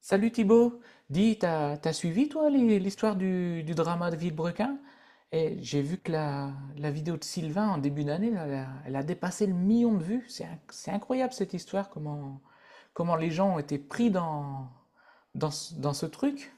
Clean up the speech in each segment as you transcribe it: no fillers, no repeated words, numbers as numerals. Salut Thibaut, dis, t'as suivi toi l'histoire du drama de Villebrequin? Et j'ai vu que la vidéo de Sylvain en début d'année, là, elle a dépassé le million de vues. C'est incroyable cette histoire, comment les gens ont été pris dans ce dans ce truc.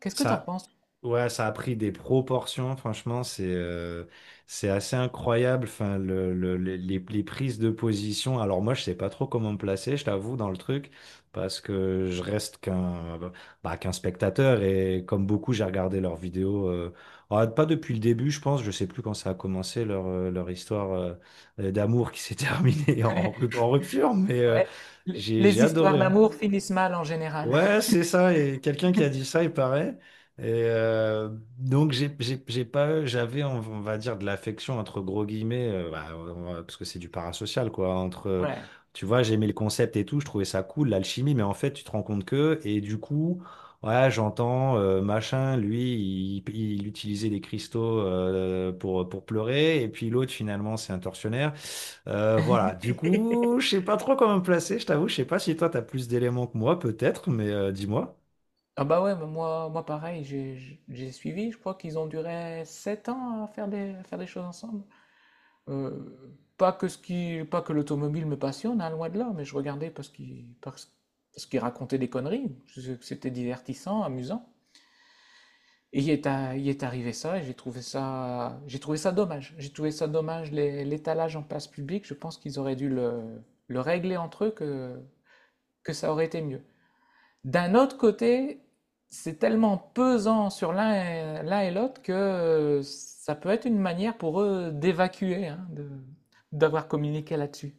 Qu'est-ce que t'en Ça, penses? ouais, ça a pris des proportions, franchement, c'est assez incroyable. Enfin, les prises de position. Alors moi, je sais pas trop comment me placer, je t'avoue, dans le truc, parce que je reste qu'un spectateur et, comme beaucoup, j'ai regardé leurs vidéos. Pas depuis le début, je pense. Je sais plus quand ça a commencé leur histoire d'amour qui s'est terminée en, rup- en rupture, mais euh, Ouais, Les, j'ai j'ai les histoires adoré, hein. d'amour finissent mal en général. Ouais, c'est ça. Et quelqu'un qui a dit ça, il paraît. Et euh, donc j'ai pas, j'avais, on va dire, de l'affection entre gros guillemets, bah, parce que c'est du parasocial, quoi. Ouais. Tu vois, j'aimais le concept et tout, je trouvais ça cool, l'alchimie, mais en fait tu te rends compte que, et du coup, ouais, j'entends, machin, lui, il utilisait des cristaux, pour pleurer, et puis l'autre, finalement, c'est un tortionnaire. Voilà, du coup, je sais pas trop comment me placer, je t'avoue, je sais pas si toi t'as plus d'éléments que moi, peut-être, mais dis-moi. Ah bah ouais, bah moi, moi pareil, j'ai suivi, je crois qu'ils ont duré 7 ans à faire des choses ensemble. Euh, Pas que ce qui, pas que l'automobile me passionne, hein, loin de là, mais je regardais parce qu'il racontait des conneries. C'était divertissant, amusant. Et il est arrivé ça, et j'ai trouvé ça dommage. J'ai trouvé ça dommage l'étalage en place publique. Je pense qu'ils auraient le régler entre eux que ça aurait été mieux. D'un autre côté, c'est tellement pesant sur l'un et l'autre que ça peut être une manière pour eux d'évacuer, hein, d'avoir communiqué là-dessus.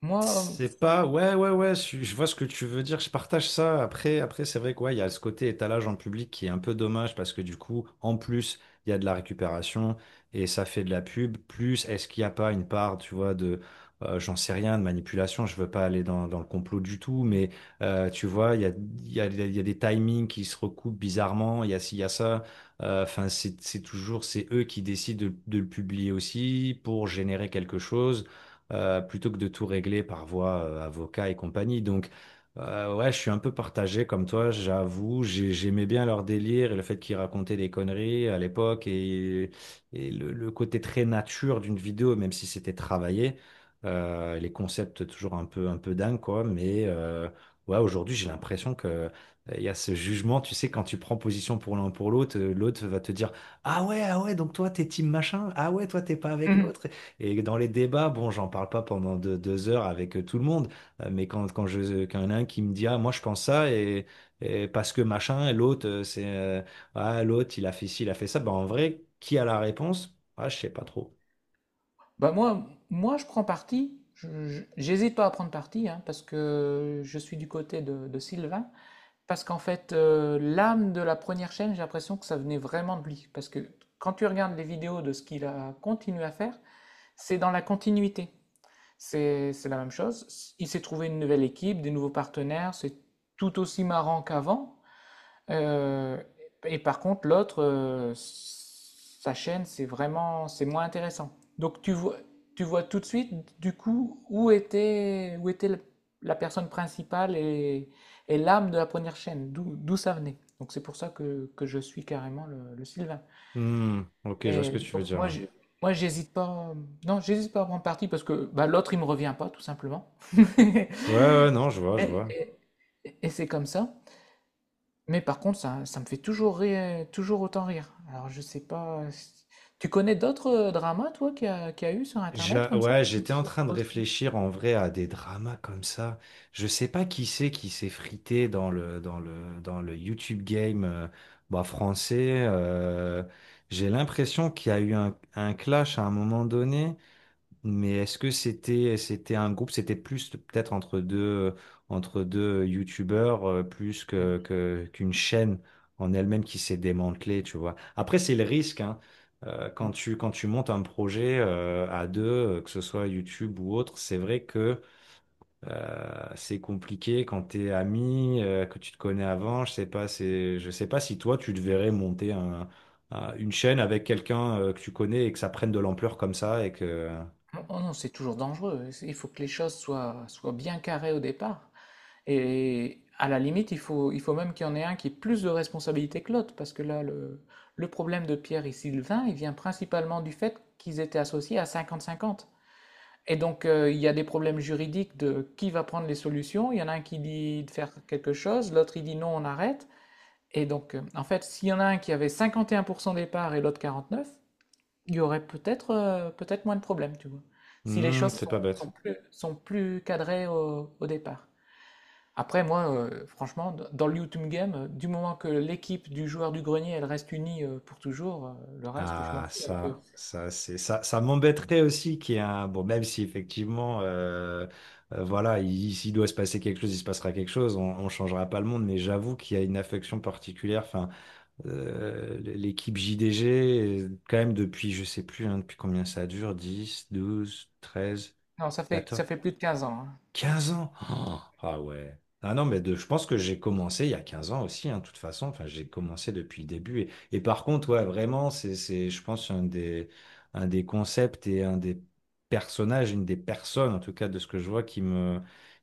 Moi, C'est pas, Ouais, ouais, ouais, je vois ce que tu veux dire, je partage ça. Après, c'est vrai, quoi. Il y a ce côté étalage en public qui est un peu dommage parce que, du coup, en plus, il y a de la récupération et ça fait de la pub. Plus, est-ce qu'il n'y a pas une part, tu vois, j'en sais rien, de manipulation. Je veux pas aller dans le complot du tout, mais euh, tu vois, il y a, il y a, il y a des timings qui se recoupent bizarrement, il y a ci, il y a ça. Enfin, c'est toujours, c'est eux qui décident de le publier aussi pour générer quelque chose, plutôt que de tout régler par voie, avocat et compagnie. Donc, ouais, je suis un peu partagé comme toi, j'avoue. J'aimais bien leur délire et le fait qu'ils racontaient des conneries à l'époque, et le côté très nature d'une vidéo, même si c'était travaillé. Les concepts toujours un peu dingues, quoi. Mais ouais, aujourd'hui, j'ai l'impression que il y a ce jugement, tu sais, quand tu prends position pour l'un pour l'autre, l'autre va te dire: ah ouais, ah ouais, donc toi, t'es team machin, ah ouais, toi, t'es pas avec l'autre. Et dans les débats, bon, j'en parle pas pendant deux heures avec, tout le monde, mais quand il y en a un qui me dit: ah, moi, je pense ça, et parce que machin, et l'autre, l'autre, il a fait ci, il a fait ça. Ben, en vrai, qui a la réponse? Ah, je sais pas trop. bah moi, moi, je prends parti. J'hésite pas à prendre parti hein, parce que je suis du côté de Sylvain. Parce qu'en fait, l'âme de la première chaîne, j'ai l'impression que ça venait vraiment de lui. Parce que quand tu regardes les vidéos de ce qu'il a continué à faire, c'est dans la continuité. C'est la même chose. Il s'est trouvé une nouvelle équipe, des nouveaux partenaires, c'est tout aussi marrant qu'avant. Euh, et par contre, l'autre, sa chaîne, c'est vraiment, c'est moins intéressant. Donc tu vois tout de suite, du coup, où était la personne principale et l'âme de la première chaîne, d'où ça venait. Donc c'est pour que je suis carrément le Sylvain. Hmm, ok, je vois ce que Et tu veux donc moi, dire. Moi, j'hésite pas. Non, j'hésite pas à prendre parti parce que bah, l'autre, il me revient pas, tout simplement. Ouais, ouais, non, je vois, je Et, vois. et- et c'est comme ça. Mais par contre, ça me fait toujours rire, toujours autant rire. Alors je sais pas. Tu connais d'autres dramas, toi, qu'il y a eu sur Internet comme ça? Ouais, j'étais en train de Aussi. réfléchir, en vrai, à des dramas comme ça. Je sais pas qui c'est qui s'est frité dans le YouTube game, bah, français. J'ai l'impression qu'il y a eu un clash à un moment donné. Mais est-ce que c'était un groupe, c'était plus, peut-être, entre deux youtubeurs, plus Oui. qu'une chaîne en elle-même qui s'est démantelée, tu vois. Après, c'est le risque, hein. Quand tu montes un projet, à deux, que ce soit YouTube ou autre, c'est vrai que c'est compliqué quand t'es ami, que tu te connais avant. Je sais pas, c'est je sais pas si toi tu te verrais monter un, une chaîne avec quelqu'un, que tu connais et que ça prenne de l'ampleur comme ça. Et que Oh non, c'est toujours dangereux. Il faut que les soient bien carrées au départ. Et à la limite, il faut même qu'il y en ait un qui ait plus de responsabilité que l'autre, parce que le problème de Pierre et Sylvain, il vient principalement du fait qu'ils étaient associés à 50-50. Et donc, il y a des problèmes juridiques de qui va prendre les solutions. Il y en a un qui dit de faire quelque chose, l'autre il dit non, on arrête. Et donc, en fait, s'il y en a un qui avait 51% des parts et l'autre 49%, il y aurait peut-être peut-être moins de problèmes, tu vois. Si les Hmm, choses c'est sont, pas bête. Sont plus cadrées au départ. Après, moi, franchement, d dans le YouTube game, du moment que l'équipe du joueur du grenier, elle reste unie, pour toujours, le reste, je m'en Ah, fous un peu. ça, c'est ça, ça m'embêterait aussi qu'il y ait un. Bon, même si effectivement, voilà, s'il doit se passer quelque chose, il se passera quelque chose, on changera pas le monde, mais j'avoue qu'il y a une affection particulière. Enfin, l'équipe JDG, quand même, depuis, je sais plus, hein, depuis combien ça dure: 10, 12, 13, Non, ça fait 14, ça fait plus de 15 ans, hein. 15 ans. Oh, ah ouais. Ah non, mais je pense que j'ai commencé il y a 15 ans aussi, hein, de toute façon. Enfin, j'ai commencé depuis le début. Et, par contre, ouais, vraiment, je pense, un des concepts et un des personnages, une des personnes, en tout cas, de ce que je vois, qui me,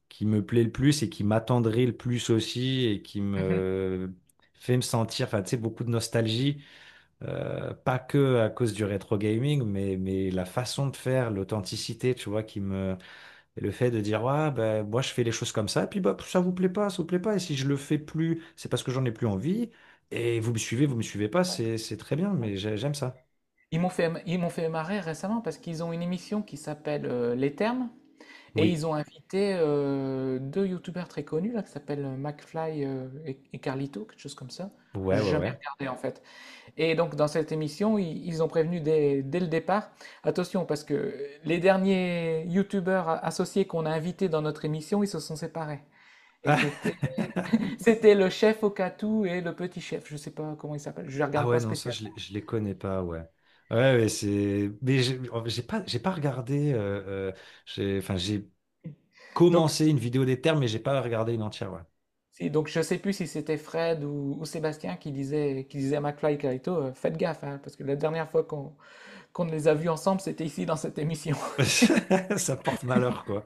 qui me plaît le plus et qui m'attendrait le plus aussi et qui Mmh. me fait me sentir, enfin, tu sais, beaucoup de nostalgie. Pas que à cause du rétro gaming, mais la façon de faire, l'authenticité, tu vois, et le fait de dire: ouais, ben, moi, je fais les choses comme ça, et puis, bah, ça vous plaît pas, ça vous plaît pas, et si je le fais plus, c'est parce que j'en ai plus envie, et vous me suivez pas, Ouais, c'est très bien, ouais. mais j'aime ça. Ils m'ont fait marrer récemment parce qu'ils ont une émission qui s'appelle, Les Termes et Oui. ils ont invité, deux youtubeurs très connus là qui s'appellent, McFly, et Carlito, quelque chose comme ça. Ouais, J'ai ouais, jamais ouais. regardé en fait. Et donc, dans cette émission, ils ont prévenu dès le départ, attention, parce que les derniers youtubeurs associés qu'on a invités dans notre émission, ils se sont séparés. Et Ah, c'était le chef Okatou et le petit chef, je sais pas comment il s'appelle, je ne ah regarde ouais, pas non, ça, spécial. Je les connais pas, ouais. Ouais, mais mais j'ai, en fait, j'ai pas regardé, enfin, j'ai Donc, commencé une vidéo des termes, mais j'ai pas regardé une entière, ouais. si, donc je sais plus si c'était Fred ou Sébastien qui disait à McFly et Carito, faites gaffe, hein, parce que la dernière fois qu'on les a vus ensemble, c'était ici dans cette émission. Ça porte malheur, quoi.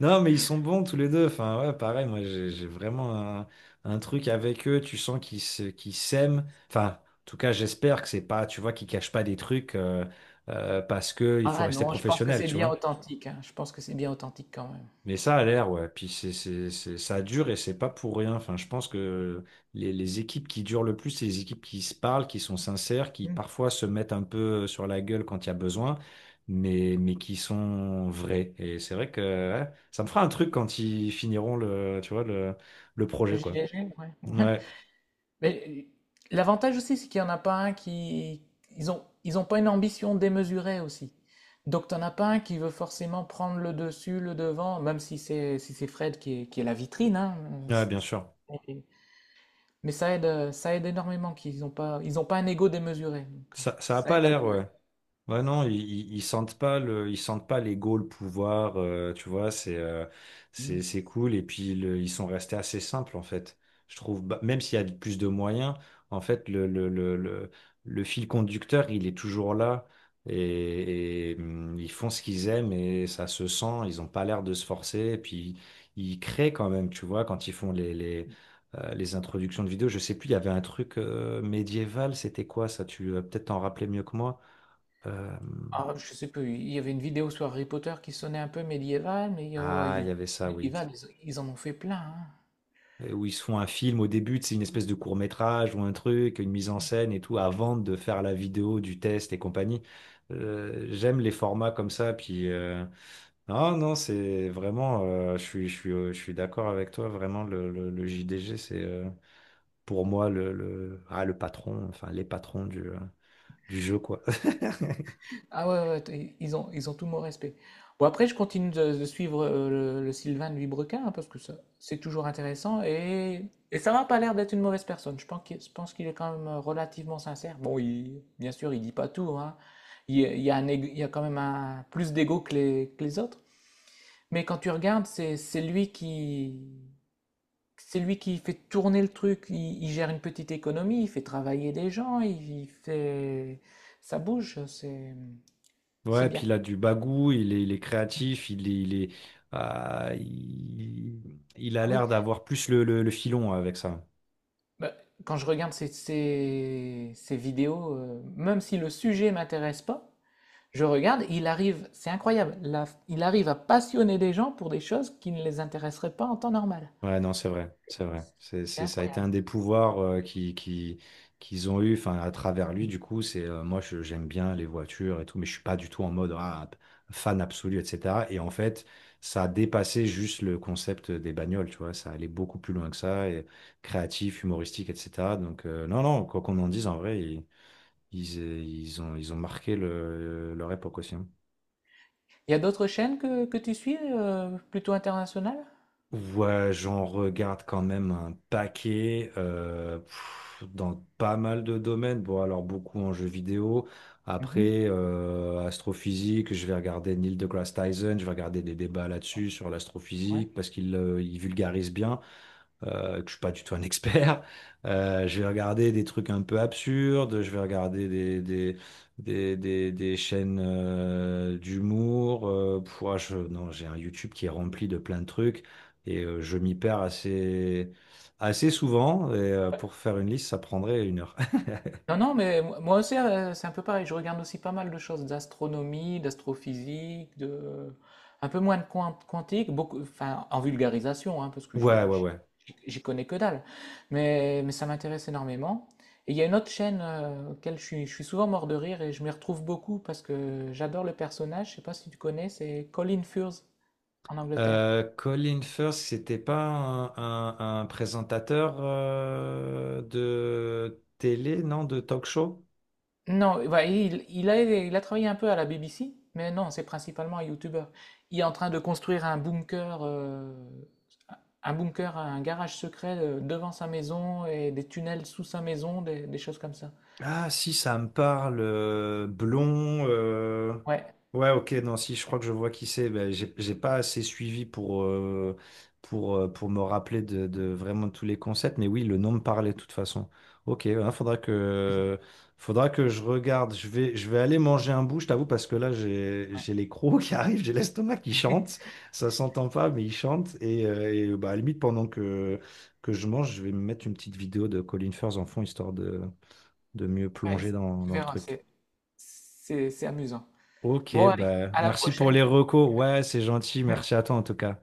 Non, mais ils sont bons tous les deux. Enfin, ouais, pareil, moi, j'ai vraiment un truc avec eux. Tu sens qu'ils s'aiment. Enfin, en tout cas, j'espère que c'est pas, tu vois, qu'ils cachent pas des trucs, parce que il faut Ah rester non, je pense que professionnel, c'est tu bien vois. authentique, hein, je pense que c'est bien authentique quand même. Mais ça a l'air, ouais. Puis ça dure et c'est pas pour rien. Enfin, je pense que les équipes qui durent le plus, c'est les équipes qui se parlent, qui sont sincères, qui Mmh. parfois se mettent un peu sur la gueule quand il y a besoin, mais qui sont vraies. Et c'est vrai que ouais, ça me fera un truc quand ils finiront tu vois, le projet, quoi. Gilet jaune, ouais. Ouais. Ouais, Mais l'avantage aussi, c'est qu'il n'y en a pas un qui... Ils ont pas une ambition démesurée aussi. Donc, t'en as pas un qui veut forcément prendre le dessus, le devant, même si c'est si c'est Fred qui est la vitrine, hein. ouais, bien sûr. Mais mais ça aide énormément qu'ils n'ont pas, ils ont pas un ego démesuré. Donc, Ça a ça pas aide à l'air, durer. ouais. Ouais, non, ils sentent pas ils sentent pas l'ego, le pouvoir, tu vois, c'est euh, c'est Mm. c'est cool. Et puis ils sont restés assez simples, en fait. Je trouve. Bah, même s'il y a plus de moyens, en fait, le fil conducteur, il est toujours là. Ils font ce qu'ils aiment et ça se sent. Ils ont pas l'air de se forcer. Et puis ils créent quand même, tu vois, quand ils font les introductions de vidéos. Je sais plus, il y avait un truc médiéval. C'était quoi, ça? Tu vas peut-être t'en rappeler mieux que moi. Euh, Ah, je sais plus, il y avait une vidéo sur Harry Potter qui sonnait un peu médiéval, mais il y a- il y avait ça, oui. médiéval, ils en ont fait plein. Hein. Où ils se font un film au début, c'est une espèce de court-métrage ou un truc, une mise en scène et tout, avant de faire la vidéo du test et compagnie. J'aime les formats comme ça. Puis, non, non, je suis d'accord avec toi. Vraiment, le JDG, c'est, pour moi, le patron, enfin les patrons du jeu, quoi. Ah ouais, ouais, ils ont tout mon respect. Bon, après, je continue de suivre le Sylvain de Vibrequin, hein, parce que ça, c'est toujours intéressant. Et ça m'a pas l'air d'être une mauvaise personne. Je pense je pense qu'il est quand même relativement sincère. Bon, bien sûr, il dit pas tout, hein. Il y a un il y a quand même un, plus d'ego que que les autres. Mais quand tu regardes, c'est lui c'est lui qui fait tourner le truc. Il gère une petite économie, il fait travailler des gens, il fait, ça bouge, c'est Ouais, puis bien. il a du bagou, il est créatif, il a Ah oui, l'air d'avoir plus le filon avec ça. bah, quand je regarde ces vidéos, même si le sujet m'intéresse pas, je regarde, il arrive, c'est incroyable, il arrive à passionner des gens pour des choses qui ne les intéresseraient pas en temps normal. Ouais, non, c'est vrai, c'est vrai. C'est Ça a été un incroyable. des pouvoirs, qu'ils ont eu, enfin, à travers lui. Du coup, c'est moi, j'aime bien les voitures et tout, mais je suis pas du tout en mode ah, fan absolu, etc. Et en fait, ça a dépassé juste le concept des bagnoles, tu vois, ça allait beaucoup plus loin que ça, et créatif, humoristique, etc. Donc, non, non, quoi qu'on en dise, en vrai, ils ont marqué leur époque aussi, hein. Il y a d'autres chaînes que tu suis, plutôt internationales? Ouais, j'en regarde quand même un paquet, dans pas mal de domaines. Bon, alors beaucoup en jeux vidéo. Mhm. Après, astrophysique, je vais regarder Neil deGrasse Tyson, je vais regarder des débats là-dessus sur Ouais. l'astrophysique parce qu'il il vulgarise bien. Que je suis pas du tout un expert. Je vais regarder des trucs un peu absurdes, je vais regarder des chaînes, d'humour. Ouais, non, j'ai un YouTube qui est rempli de plein de trucs, et je m'y perds assez souvent. Et, pour faire une liste, ça prendrait une heure. Non, non, mais moi aussi, c'est un peu pareil. Je regarde aussi pas mal de choses d'astronomie, d'astrophysique, de... un peu moins de quantique, beaucoup... enfin, en vulgarisation, hein, parce que Ouais, ouais, ouais. j'y connais que dalle. Mais ça m'intéresse énormément. Et il y a une autre chaîne auquel je suis souvent mort de rire et je m'y retrouve beaucoup parce que j'adore le personnage. Je sais pas si tu connais, c'est Colin Furze en Angleterre. Colin Firth, c'était pas un présentateur, de télé, non, de talk show? Non, bah, il a travaillé un peu à la BBC, mais non, c'est principalement un YouTuber. Il est en train de construire un bunker, un garage secret devant sa maison et des tunnels sous sa maison, des choses comme ça. Ah si, ça me parle. Blond. Ouais, Ouais, ok, non, si, je crois que je vois qui c'est. Ben, j'ai pas assez suivi pour me rappeler de vraiment tous les concepts, mais oui, le nom me parlait de toute façon. Ok, faudra que je regarde. Je vais aller manger un bout, je t'avoue, parce que là, j'ai, ouais, j'ai les crocs qui arrivent, j'ai l'estomac qui chante. Ça s'entend pas, mais il chante. Et bah, à la limite, pendant que je mange, je vais me mettre une petite vidéo de Colin Firth en fond, histoire de mieux ouais, plonger dans, tu dans le verras, truc. C'est amusant. Ok, Bon, allez, bah, à la merci pour prochaine. les recos. Ouais, c'est gentil. Merci à toi en tout cas.